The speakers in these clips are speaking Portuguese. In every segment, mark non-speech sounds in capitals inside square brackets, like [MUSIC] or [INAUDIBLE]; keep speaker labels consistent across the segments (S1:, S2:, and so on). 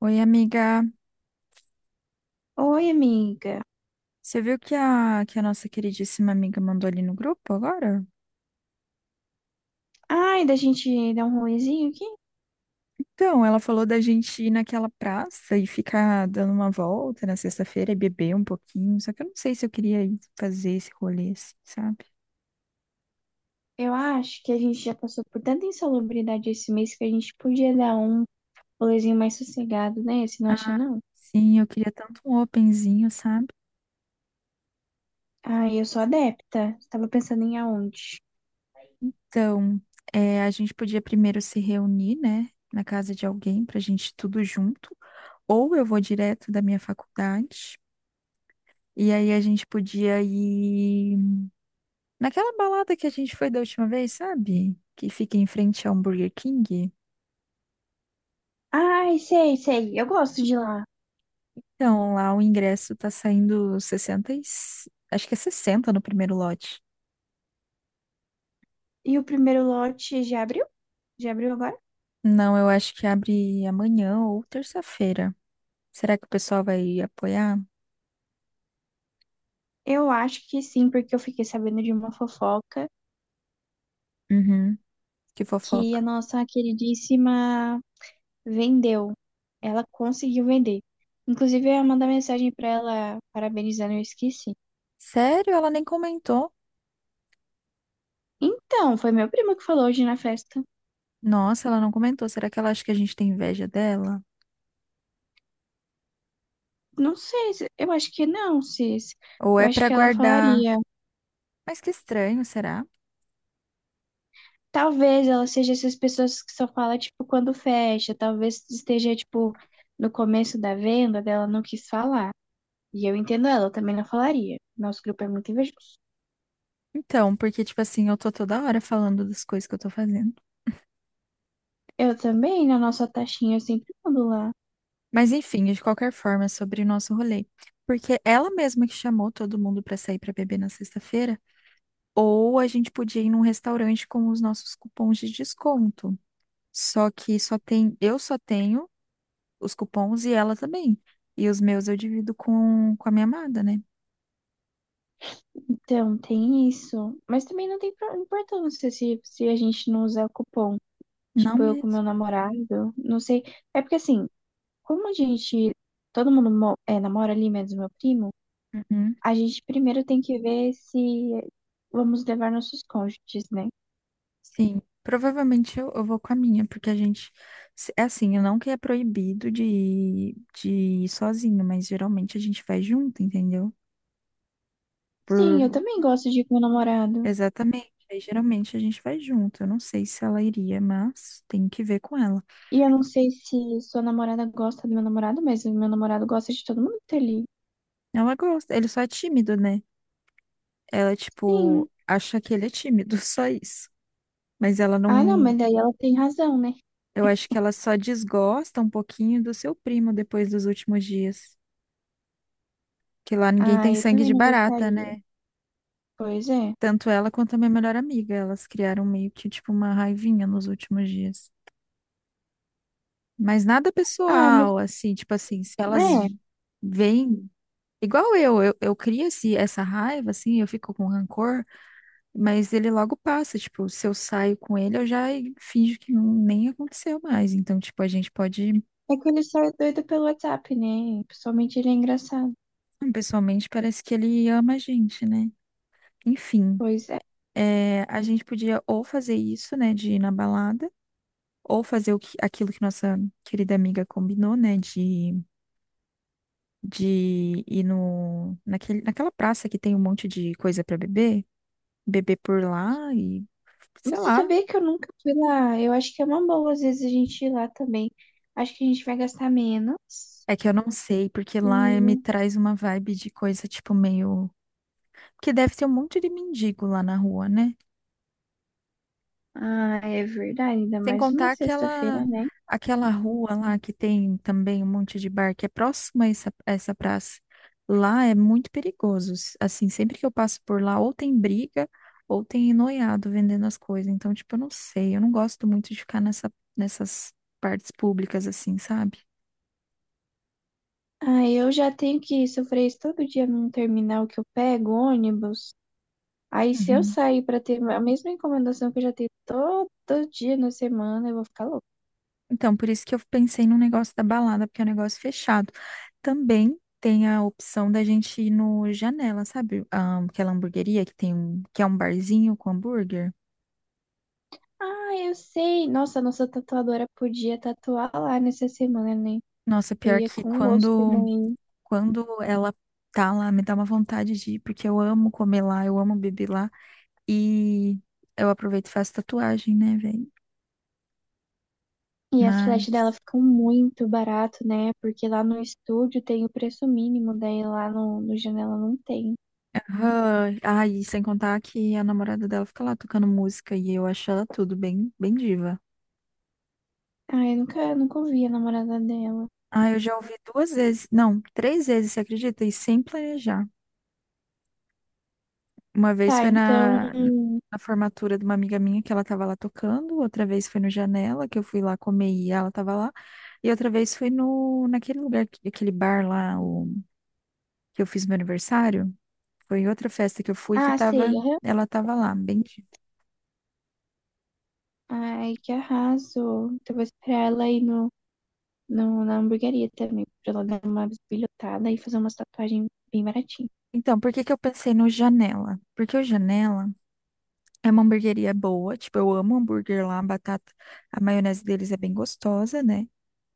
S1: Oi, amiga.
S2: Oi, amiga.
S1: Você viu que que a nossa queridíssima amiga mandou ali no grupo agora?
S2: Ai, da gente dar um rolezinho aqui?
S1: Então, ela falou da gente ir naquela praça e ficar dando uma volta na sexta-feira e beber um pouquinho. Só que eu não sei se eu queria ir fazer esse rolê, assim, sabe?
S2: Eu acho que a gente já passou por tanta insalubridade esse mês que a gente podia dar um rolezinho mais sossegado, né? Você não acha, não?
S1: Sim, eu queria tanto um openzinho, sabe?
S2: Ai, eu sou adepta. Tava pensando em aonde.
S1: Então, é, a gente podia primeiro se reunir, né, na casa de alguém pra gente ir tudo junto. Ou eu vou direto da minha faculdade. E aí a gente podia ir naquela balada que a gente foi da última vez, sabe? Que fica em frente ao Burger King.
S2: Ai, sei, sei. Eu gosto de lá.
S1: Então, lá o ingresso tá saindo 60 acho que é 60 no primeiro lote.
S2: E o primeiro lote já abriu? Já abriu agora?
S1: Não, eu acho que abre amanhã ou terça-feira. Será que o pessoal vai apoiar?
S2: Eu acho que sim, porque eu fiquei sabendo de uma fofoca
S1: Uhum, que
S2: que
S1: fofoca.
S2: a nossa queridíssima vendeu. Ela conseguiu vender. Inclusive, eu ia mandar mensagem pra ela parabenizando, eu esqueci.
S1: Sério? Ela nem comentou.
S2: Então, foi meu primo que falou hoje na festa.
S1: Nossa, ela não comentou. Será que ela acha que a gente tem inveja dela?
S2: Não sei, eu acho que não, Cis.
S1: Ou
S2: Eu
S1: é
S2: acho
S1: pra
S2: que ela
S1: guardar?
S2: falaria.
S1: Mas que estranho, será?
S2: Talvez ela seja essas pessoas que só fala, tipo, quando fecha. Talvez esteja, tipo, no começo da venda dela não quis falar. E eu entendo ela, eu também não falaria. Nosso grupo é muito invejoso.
S1: Então, porque, tipo assim, eu tô toda hora falando das coisas que eu tô fazendo.
S2: Eu também, na nossa taxinha, eu sempre mando lá.
S1: Mas enfim, de qualquer forma, é sobre o nosso rolê. Porque ela mesma que chamou todo mundo para sair para beber na sexta-feira, ou a gente podia ir num restaurante com os nossos cupons de desconto. Só que eu só tenho os cupons e ela também. E os meus eu divido com a minha amada, né?
S2: Então, tem isso. Mas também não tem importância se a gente não usar cupom.
S1: Não
S2: Tipo, eu com
S1: mesmo.
S2: meu namorado, não sei. É porque assim, como a gente, todo mundo namora ali, menos meu primo,
S1: Uhum.
S2: a gente primeiro tem que ver se vamos levar nossos cônjuges, né?
S1: Sim. Provavelmente eu vou com a minha, porque a gente. É assim, eu não que é proibido de ir sozinho, mas geralmente a gente vai junto, entendeu?
S2: Sim, eu
S1: Por
S2: também gosto de ir com meu namorado.
S1: Exatamente. Aí geralmente a gente vai junto. Eu não sei se ela iria, mas tem que ver com ela.
S2: E eu não sei se sua namorada gosta do meu namorado, mas o meu namorado gosta de todo mundo que tá ali.
S1: Ela gosta, ele só é tímido, né? Ela,
S2: Sim.
S1: tipo, acha que ele é tímido, [LAUGHS] só isso. Mas ela
S2: Ah, não,
S1: não.
S2: mas daí ela tem razão, né?
S1: Eu acho que ela só desgosta um pouquinho do seu primo depois dos últimos dias. Que lá ninguém
S2: Ah,
S1: tem
S2: eu
S1: sangue
S2: também
S1: de
S2: não
S1: barata,
S2: gostaria.
S1: né?
S2: Pois é.
S1: Tanto ela quanto a minha melhor amiga. Elas criaram meio que, tipo, uma raivinha nos últimos dias. Mas nada
S2: Ah, mas
S1: pessoal, assim, tipo assim, se elas
S2: É,
S1: vêm. Igual eu, eu crio essa raiva, assim, eu fico com rancor, mas ele logo passa, tipo, se eu saio com ele, eu já finjo que não, nem aconteceu mais. Então, tipo, a gente pode,
S2: é que ele só é doido pelo WhatsApp, né? Pessoalmente ele é engraçado.
S1: pessoalmente, parece que ele ama a gente, né? Enfim,
S2: Pois é.
S1: é, a gente podia ou fazer isso, né, de ir na balada, ou fazer o que, aquilo que nossa querida amiga combinou, né, de ir no, naquele, naquela praça que tem um monte de coisa pra beber, beber por lá e sei
S2: Você
S1: lá.
S2: sabia que eu nunca fui lá? Eu acho que é uma boa, às vezes, a gente ir lá também. Acho que a gente vai gastar menos.
S1: É que eu não sei, porque lá me
S2: E.
S1: traz uma vibe de coisa tipo meio. Porque deve ter um monte de mendigo lá na rua, né?
S2: Ah, é verdade, ainda
S1: Sem
S2: mais uma
S1: contar aquela
S2: sexta-feira, né?
S1: Aquela rua lá que tem também um monte de bar que é próxima a essa praça. Lá é muito perigoso. Assim, sempre que eu passo por lá, ou tem briga, ou tem noiado vendendo as coisas. Então, tipo, eu não sei. Eu não gosto muito de ficar nessas partes públicas, assim, sabe?
S2: Ah, eu já tenho que sofrer isso todo dia num terminal que eu pego ônibus. Aí, se eu sair pra ter a mesma encomendação que eu já tenho todo dia na semana, eu vou ficar louca.
S1: Então, por isso que eu pensei no negócio da balada, porque é um negócio fechado. Também tem a opção da gente ir no Janela, sabe? Ah, aquela hamburgueria que é um barzinho com hambúrguer.
S2: Ah, eu sei. Nossa, a nossa tatuadora podia tatuar lá nessa semana, né?
S1: Nossa,
S2: Eu
S1: pior
S2: ia
S1: que
S2: com gosto
S1: quando,
S2: também.
S1: quando ela tá lá, me dá uma vontade de ir, porque eu amo comer lá, eu amo beber lá. E eu aproveito e faço tatuagem, né, velho?
S2: E as flechas dela
S1: Mas.
S2: ficam muito barato, né? Porque lá no estúdio tem o preço mínimo, daí lá no Janela não tem.
S1: Aham. Ai, sem contar que a namorada dela fica lá tocando música e eu acho ela tudo bem, bem diva.
S2: Ah, eu nunca, nunca ouvi a namorada dela.
S1: Ah, eu já ouvi duas vezes, não, três vezes, você acredita? E sem planejar. Uma vez
S2: Tá,
S1: foi
S2: então.
S1: na formatura de uma amiga minha que ela tava lá tocando, outra vez foi no Janela, que eu fui lá comer e ela tava lá, e outra vez foi no, naquele lugar, aquele bar lá, que eu fiz meu aniversário. Foi em outra festa que eu fui que
S2: Ah, sei.
S1: tava,
S2: Aham.
S1: ela tava lá, bem.
S2: Ai, que arraso. Então vou esperar ela ir no, no, na hamburgueria também, pra ela dar uma bisbilhotada e fazer uma tatuagem bem baratinha.
S1: Então, por que que eu pensei no Janela? Porque o Janela é uma hamburgueria boa, tipo, eu amo hambúrguer lá, a batata, a maionese deles é bem gostosa, né?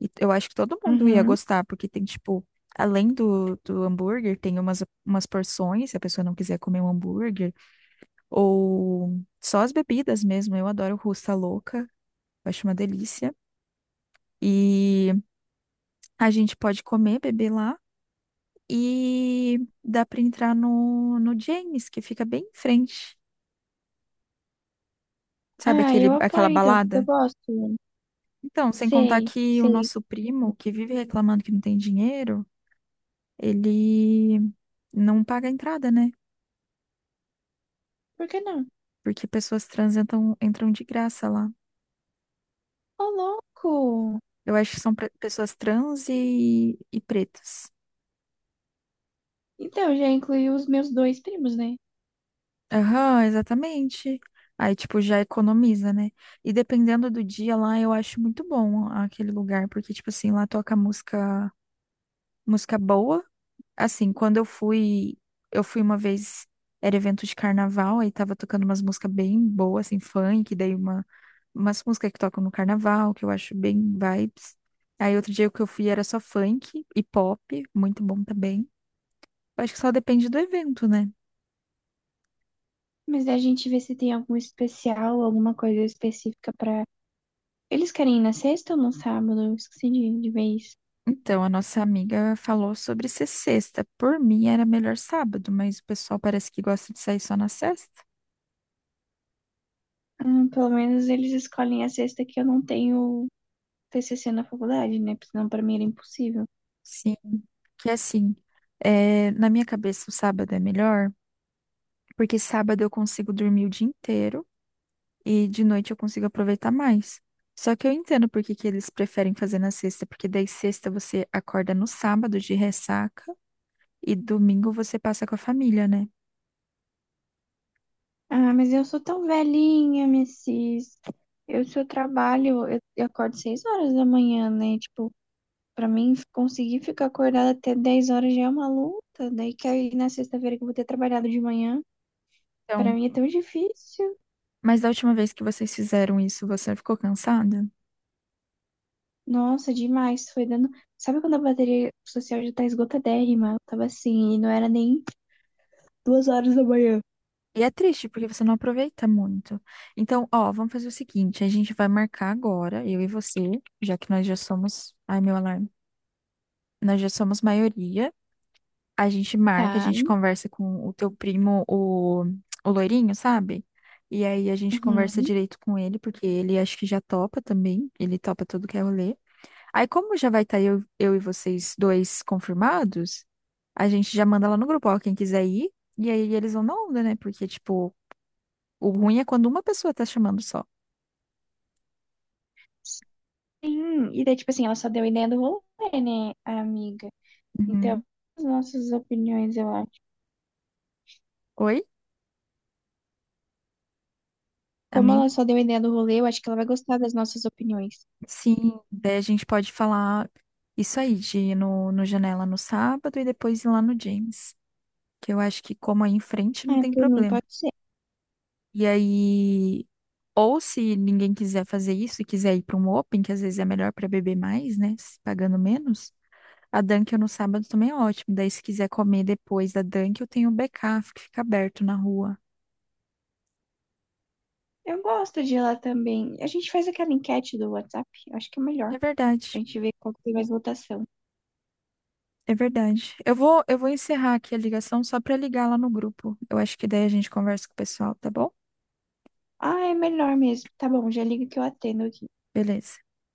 S1: E eu acho que todo mundo ia
S2: Uhum.
S1: gostar, porque tem, tipo, além do hambúrguer, tem umas porções, se a pessoa não quiser comer um hambúrguer, ou só as bebidas mesmo, eu adoro Russa Louca, eu acho uma delícia. E a gente pode comer, beber lá, e dá pra entrar no James, que fica bem em frente, sabe
S2: Ah,
S1: aquele,
S2: eu
S1: aquela
S2: apoio então, porque eu
S1: balada?
S2: gosto.
S1: Então, sem contar
S2: Sei,
S1: que o
S2: sei.
S1: nosso primo, que vive reclamando que não tem dinheiro, ele não paga a entrada, né?
S2: Por que não?
S1: Porque pessoas trans entram, entram de graça lá.
S2: Ô, louco!
S1: Eu acho que são pessoas trans e pretas.
S2: Então, eu já incluí os meus dois primos, né?
S1: Aham, exatamente. Aí, tipo, já economiza, né? E dependendo do dia lá, eu acho muito bom aquele lugar, porque, tipo assim, lá toca música, música boa. Assim, eu fui uma vez, era evento de carnaval, aí tava tocando umas músicas bem boas, assim, funk, umas músicas que tocam no carnaval, que eu acho bem vibes. Aí outro dia que eu fui era só funk e pop, muito bom também. Eu acho que só depende do evento, né?
S2: Mas a gente vê se tem algum especial, alguma coisa específica pra. Eles querem ir na sexta ou no sábado? Eu esqueci de vez.
S1: Então, a nossa amiga falou sobre ser sexta. Por mim era melhor sábado, mas o pessoal parece que gosta de sair só na sexta.
S2: Pelo menos eles escolhem a sexta que eu não tenho TCC na faculdade, né? Porque senão pra mim era impossível.
S1: Sim, que assim, é, na minha cabeça o sábado é melhor porque sábado eu consigo dormir o dia inteiro e de noite eu consigo aproveitar mais. Só que eu entendo por que que eles preferem fazer na sexta, porque daí sexta você acorda no sábado de ressaca e domingo você passa com a família, né?
S2: Ah, mas eu sou tão velhinha, Mrs. Eu, se eu trabalho, eu acordo 6 horas da manhã, né? Tipo, pra mim, conseguir ficar acordada até 10 horas já é uma luta. Daí que aí na sexta-feira que eu vou ter trabalhado de manhã, pra
S1: Então,
S2: mim é tão difícil.
S1: mas da última vez que vocês fizeram isso, você ficou cansada?
S2: Nossa, demais. Foi dando. Sabe quando a bateria social já tá esgotadérrima? Eu tava assim, e não era nem 2 horas da manhã.
S1: E é triste, porque você não aproveita muito. Então, ó, vamos fazer o seguinte, a gente vai marcar agora, eu e você, já que nós já somos, ai meu alarme, nós já somos maioria. A gente marca, a
S2: Tá.
S1: gente conversa com o teu primo, o loirinho, sabe? E aí a gente conversa
S2: Uhum.
S1: direito com ele, porque ele acho que já topa também. Ele topa tudo que é rolê. Aí, como já vai estar eu e vocês dois confirmados, a gente já manda lá no grupo, ó, quem quiser ir. E aí eles vão na onda, né? Porque, tipo, o ruim é quando uma pessoa tá chamando só.
S2: Sim. E daí, tipo assim, ela só deu a ideia do rolê, né, a amiga? Então,
S1: Uhum.
S2: as nossas opiniões, eu acho.
S1: Oi,
S2: Como ela
S1: amiga?
S2: só deu a ideia do rolê, eu acho que ela vai gostar das nossas opiniões.
S1: Sim, daí a gente pode falar isso aí, de ir no Janela no sábado e depois ir lá no James, que eu acho que como aí em frente não
S2: Ah,
S1: tem
S2: por mim,
S1: problema.
S2: pode ser.
S1: E aí, ou se ninguém quiser fazer isso e quiser ir para um open, que às vezes é melhor para beber mais, né, se pagando menos, a Dunkin' no sábado também é ótimo. Daí se quiser comer depois da Dunkin', eu tenho o BK que fica aberto na rua.
S2: Eu gosto de ir lá também. A gente faz aquela enquete do WhatsApp, eu acho que é melhor.
S1: É
S2: A
S1: verdade.
S2: gente vê qual que tem mais votação.
S1: É verdade. Eu vou encerrar aqui a ligação só para ligar lá no grupo. Eu acho que daí a gente conversa com o pessoal, tá bom?
S2: Ah, é melhor mesmo. Tá bom, já liga que eu atendo aqui.
S1: Beleza.